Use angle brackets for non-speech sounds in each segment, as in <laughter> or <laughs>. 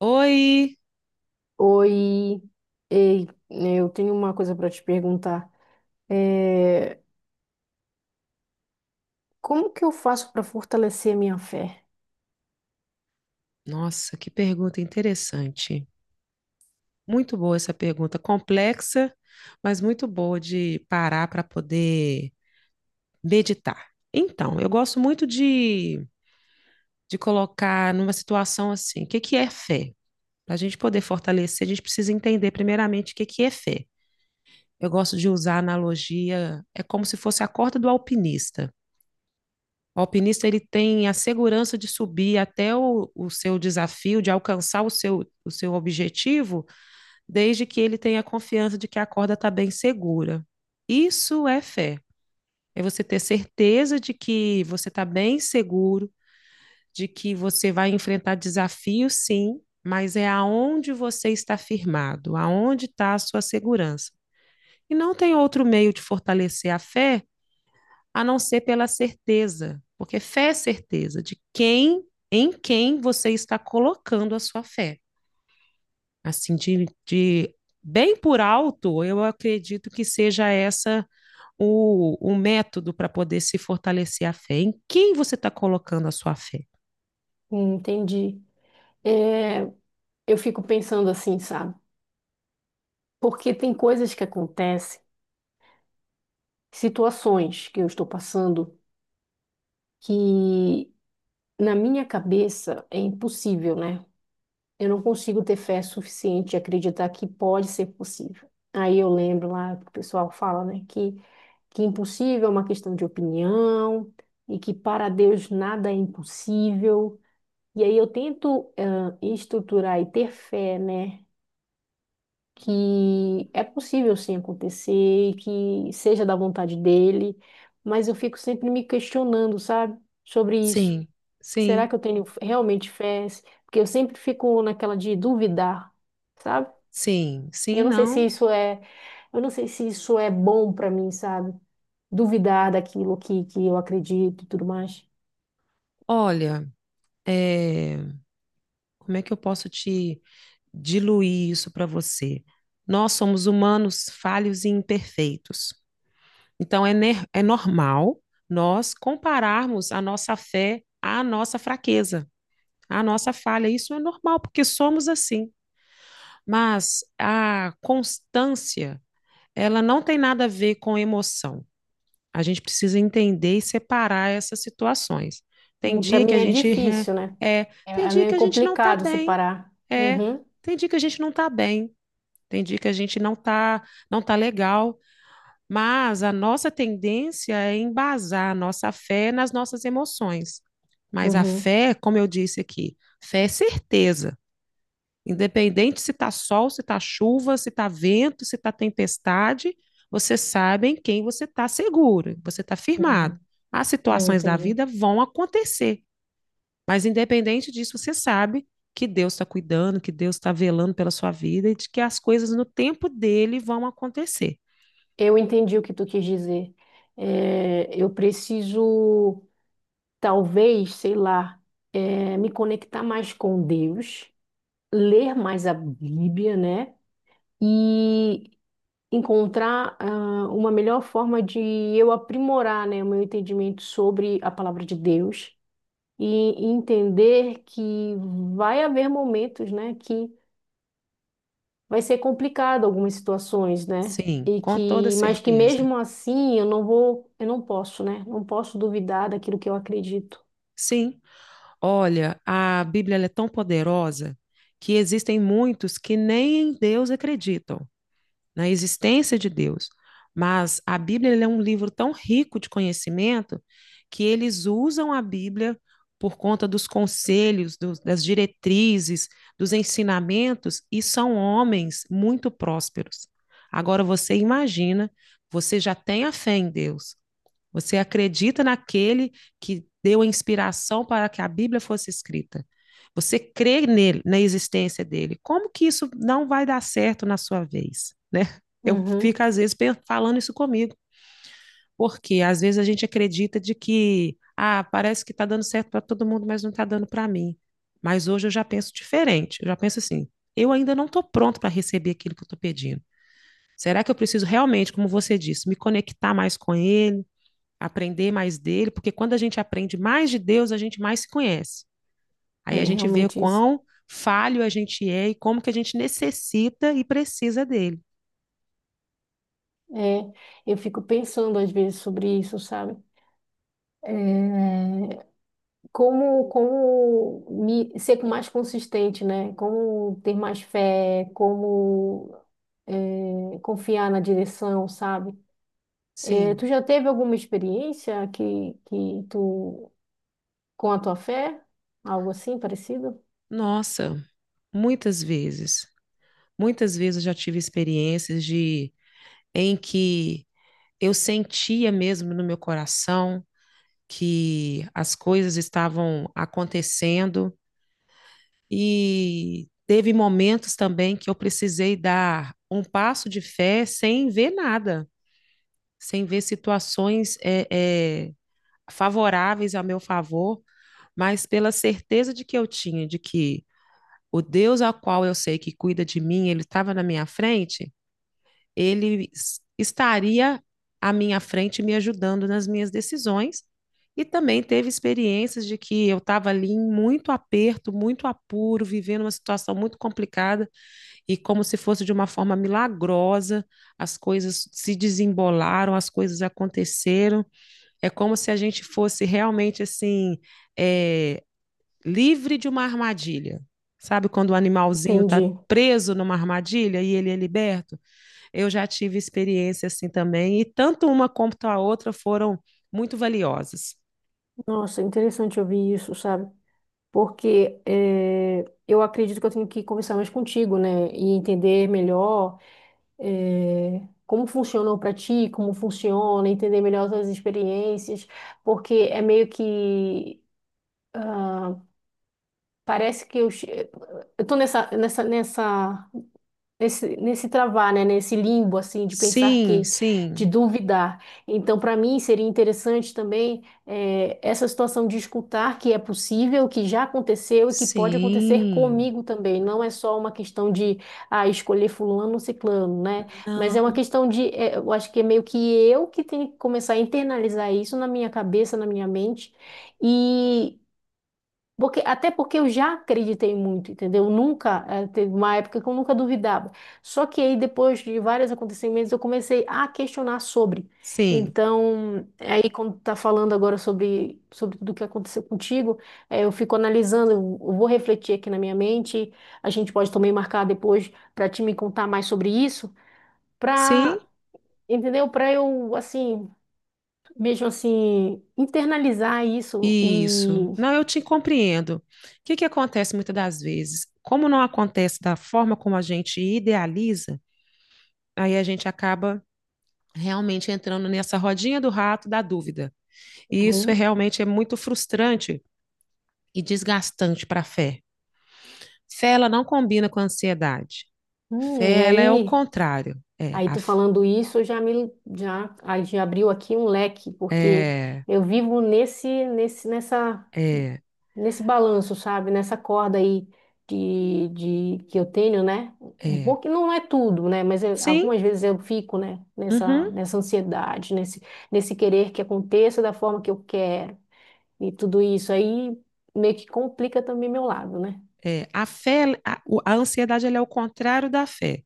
Oi! Oi, ei, eu tenho uma coisa para te perguntar. É, Como que eu faço para fortalecer a minha fé? Nossa, que pergunta interessante. Muito boa essa pergunta, complexa, mas muito boa de parar para poder meditar. Então, eu gosto muito de colocar numa situação assim, o que que é fé? Para a gente poder fortalecer, a gente precisa entender primeiramente o que que é fé. Eu gosto de usar a analogia, é como se fosse a corda do alpinista. O alpinista ele tem a segurança de subir até o seu desafio, de alcançar o seu objetivo, desde que ele tenha confiança de que a corda está bem segura. Isso é fé. É você ter certeza de que você está bem seguro, de que você vai enfrentar desafios, sim, mas é aonde você está firmado, aonde está a sua segurança. E não tem outro meio de fortalecer a fé a não ser pela certeza, porque fé é certeza de quem, em quem você está colocando a sua fé. Assim, de bem por alto, eu acredito que seja essa o método para poder se fortalecer a fé. Em quem você está colocando a sua fé? Entendi. É, eu fico pensando assim, sabe? Porque tem coisas que acontecem, situações que eu estou passando que na minha cabeça é impossível, né? Eu não consigo ter fé suficiente e acreditar que pode ser possível. Aí eu lembro lá que o pessoal fala, né, que é impossível é uma questão de opinião e que para Deus nada é impossível. E aí eu tento estruturar e ter fé, né, que é possível sim acontecer e que seja da vontade dele, mas eu fico sempre me questionando, sabe, sobre isso. Sim, Será sim, que eu tenho realmente fé? Porque eu sempre fico naquela de duvidar, sabe? sim, E sim, eu não sei não. se isso é, eu não sei se isso é bom para mim, sabe? Duvidar daquilo que eu acredito e tudo mais. Olha, é, como é que eu posso te diluir isso para você? Nós somos humanos falhos e imperfeitos. Então, é normal nós compararmos a nossa fé à nossa fraqueza, à nossa falha. Isso é normal, porque somos assim. Mas a constância, ela não tem nada a ver com emoção. A gente precisa entender e separar essas situações. Tem Para dia mim que a é gente difícil, né? <laughs> Tem É, é dia que meio a gente não está complicado bem, separar. é, Uhum, tem dia que a gente não está bem, tem dia que a gente não está não tá legal. Mas a nossa tendência é embasar a nossa fé nas nossas emoções. Mas a uhum. fé, como eu disse aqui, fé é certeza. Independente se está sol, se está chuva, se está vento, se está tempestade, você sabe em quem você está seguro, você está firmado. Não, As eu situações da entendi. vida vão acontecer, mas independente disso, você sabe que Deus está cuidando, que Deus está velando pela sua vida e de que as coisas no tempo dele vão acontecer. Eu entendi o que tu quis dizer. Eu preciso, talvez, sei lá, me conectar mais com Deus, ler mais a Bíblia, né? E encontrar, uma melhor forma de eu aprimorar, né, o meu entendimento sobre a palavra de Deus e entender que vai haver momentos, né, que vai ser complicado algumas situações, né? Sim, E com toda que, mas que certeza. mesmo assim eu não vou, eu não posso, né? Não posso duvidar daquilo que eu acredito. Sim, olha, a Bíblia ela é tão poderosa que existem muitos que nem em Deus acreditam, na existência de Deus. Mas a Bíblia ela é um livro tão rico de conhecimento que eles usam a Bíblia por conta dos conselhos, das diretrizes, dos ensinamentos, e são homens muito prósperos. Agora você imagina, você já tem a fé em Deus, você acredita naquele que deu a inspiração para que a Bíblia fosse escrita. Você crê nele, na existência dele. Como que isso não vai dar certo na sua vez, né? Eu Uhum. fico às vezes falando isso comigo, porque às vezes a gente acredita de que, ah, parece que está dando certo para todo mundo, mas não está dando para mim. Mas hoje eu já penso diferente. Eu já penso assim: eu ainda não estou pronto para receber aquilo que eu estou pedindo. Será que eu preciso realmente, como você disse, me conectar mais com ele? Aprender mais dele, porque quando a gente aprende mais de Deus, a gente mais se conhece. Aí É a gente vê realmente isso. quão falho a gente é e como que a gente necessita e precisa dele. É, eu fico pensando às vezes sobre isso, sabe? É, como me, ser mais consistente, né? Como ter mais fé, como confiar na direção, sabe? Sim. Tu já teve alguma experiência que tu, com a tua fé? Algo assim parecido? Nossa, muitas vezes, muitas vezes eu já tive experiências de em que eu sentia mesmo no meu coração que as coisas estavam acontecendo e teve momentos também que eu precisei dar um passo de fé sem ver nada, sem ver situações é, favoráveis a meu favor, mas pela certeza de que eu tinha de que o Deus ao qual eu sei que cuida de mim, ele estava na minha frente, ele estaria à minha frente me ajudando nas minhas decisões. E também teve experiências de que eu estava ali em muito aperto, muito apuro, vivendo uma situação muito complicada e como se fosse de uma forma milagrosa, as coisas se desembolaram, as coisas aconteceram é como se a gente fosse realmente assim, é, livre de uma armadilha. Sabe quando o animalzinho está Entendi. preso numa armadilha e ele é liberto? Eu já tive experiência assim também, e tanto uma quanto a outra foram muito valiosas. Nossa, interessante ouvir isso, sabe? Porque eu acredito que eu tenho que conversar mais contigo, né? E entender melhor como funcionou para ti, como funciona, entender melhor as tuas experiências, porque é meio que ah, parece que eu tô nessa nesse travar, né? Nesse limbo, assim, de pensar Sim, que, sim, de duvidar. Então, para mim, seria interessante também essa situação de escutar que é possível, que já aconteceu e que pode acontecer sim. comigo também. Não é só uma questão de escolher fulano ou ciclano, né? Mas é uma Não. questão de, eu acho que é meio que eu que tenho que começar a internalizar isso na minha cabeça, na minha mente. Porque, até porque eu já acreditei muito, entendeu? Nunca, teve uma época que eu nunca duvidava. Só que aí, depois de vários acontecimentos, eu comecei a questionar sobre. Sim, Então, aí, quando tá falando agora sobre tudo o que aconteceu contigo, eu fico analisando, eu vou refletir aqui na minha mente. A gente pode também marcar depois para te me contar mais sobre isso, sim, para, entendeu? Para eu, assim, mesmo assim, internalizar isso e. isso. Não, eu te compreendo. O que que acontece muitas das vezes? Como não acontece da forma como a gente idealiza, aí a gente acaba realmente entrando nessa rodinha do rato da dúvida. E isso é Uhum. realmente é muito frustrante e desgastante para a fé. Fé ela não combina com a ansiedade. E Fé ela é o aí. contrário. É, Aí a, tu falando isso, aí já abriu aqui um leque, porque é, eu vivo nesse nesse nessa é, nesse balanço, sabe? Nessa corda aí de que eu tenho, né? Um é. pouco que não é tudo, né? Mas Sim, algumas vezes eu fico, né? Uhum. Nessa ansiedade, nesse querer que aconteça da forma que eu quero e tudo isso aí meio que complica também meu lado, né? É, a fé, a ansiedade ela é o contrário da fé.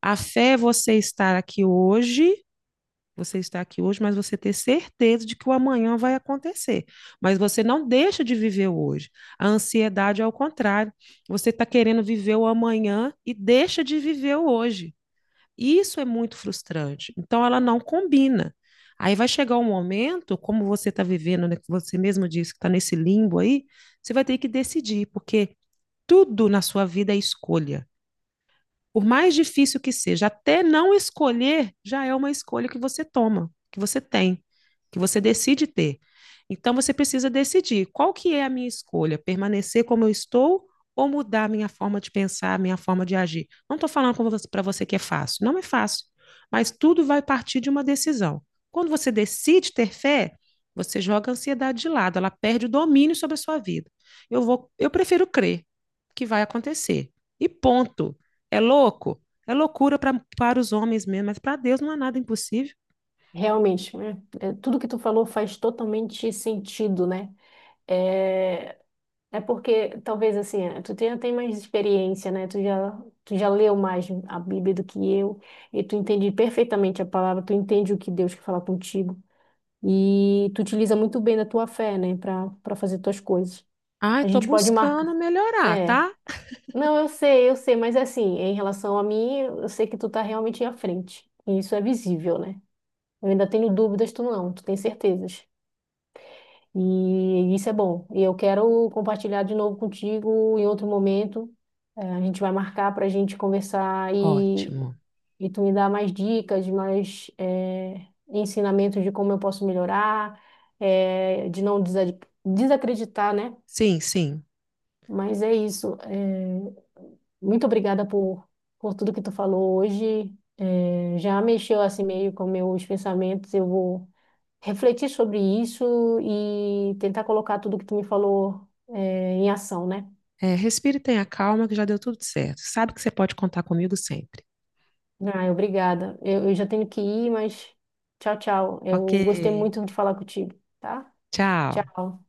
A fé é você estar aqui hoje. Você está aqui hoje, mas você ter certeza de que o amanhã vai acontecer. Mas você não deixa de viver o hoje. A ansiedade é o contrário. Você está querendo viver o amanhã e deixa de viver o hoje. Isso é muito frustrante. Então, ela não combina. Aí vai chegar um momento, como você está vivendo, né, que você mesmo disse que está nesse limbo aí, você vai ter que decidir, porque tudo na sua vida é escolha, por mais difícil que seja, até não escolher já é uma escolha que você toma, que você tem, que você decide ter. Então você precisa decidir qual que é a minha escolha, permanecer como eu estou ou mudar a minha forma de pensar, a minha forma de agir. Não estou falando para você que é fácil, não é fácil, mas tudo vai partir de uma decisão. Quando você decide ter fé, você joga a ansiedade de lado, ela perde o domínio sobre a sua vida. Eu vou, eu prefiro crer que vai acontecer. E ponto. É louco? É loucura pra, para os homens mesmo, mas para Deus não há nada impossível. Realmente, né? É, tudo que tu falou faz totalmente sentido, né? é É porque talvez assim, é, tu já tem mais experiência, né? Tu já leu mais a Bíblia do que eu, e tu entende perfeitamente a palavra, tu entende o que Deus quer falar contigo, e tu utiliza muito bem da tua fé, né, para fazer tuas coisas. Ai, A tô gente pode buscando marcar. melhorar, É. tá? Não, eu sei, mas assim, em relação a mim, eu sei que tu tá realmente à frente. E isso é visível, né? Eu ainda tenho dúvidas, tu não, tu tem certezas. E isso é bom. E eu quero compartilhar de novo contigo em outro momento. A gente vai marcar para a gente conversar Ótimo. e tu me dar mais dicas, mais ensinamentos de como eu posso melhorar, eh, de não desa- desacreditar, né? Sim, sim. Mas é isso. Muito obrigada por tudo que tu falou hoje. Já mexeu assim meio com meus pensamentos. Eu vou refletir sobre isso e tentar colocar tudo que tu me falou, é, em ação, né? É, respire e tenha calma, que já deu tudo certo. Sabe que você pode contar comigo sempre. Ah, obrigada. Eu já tenho que ir, mas tchau, tchau. Ok. Eu gostei muito de falar contigo, tá? Tchau. Tchau.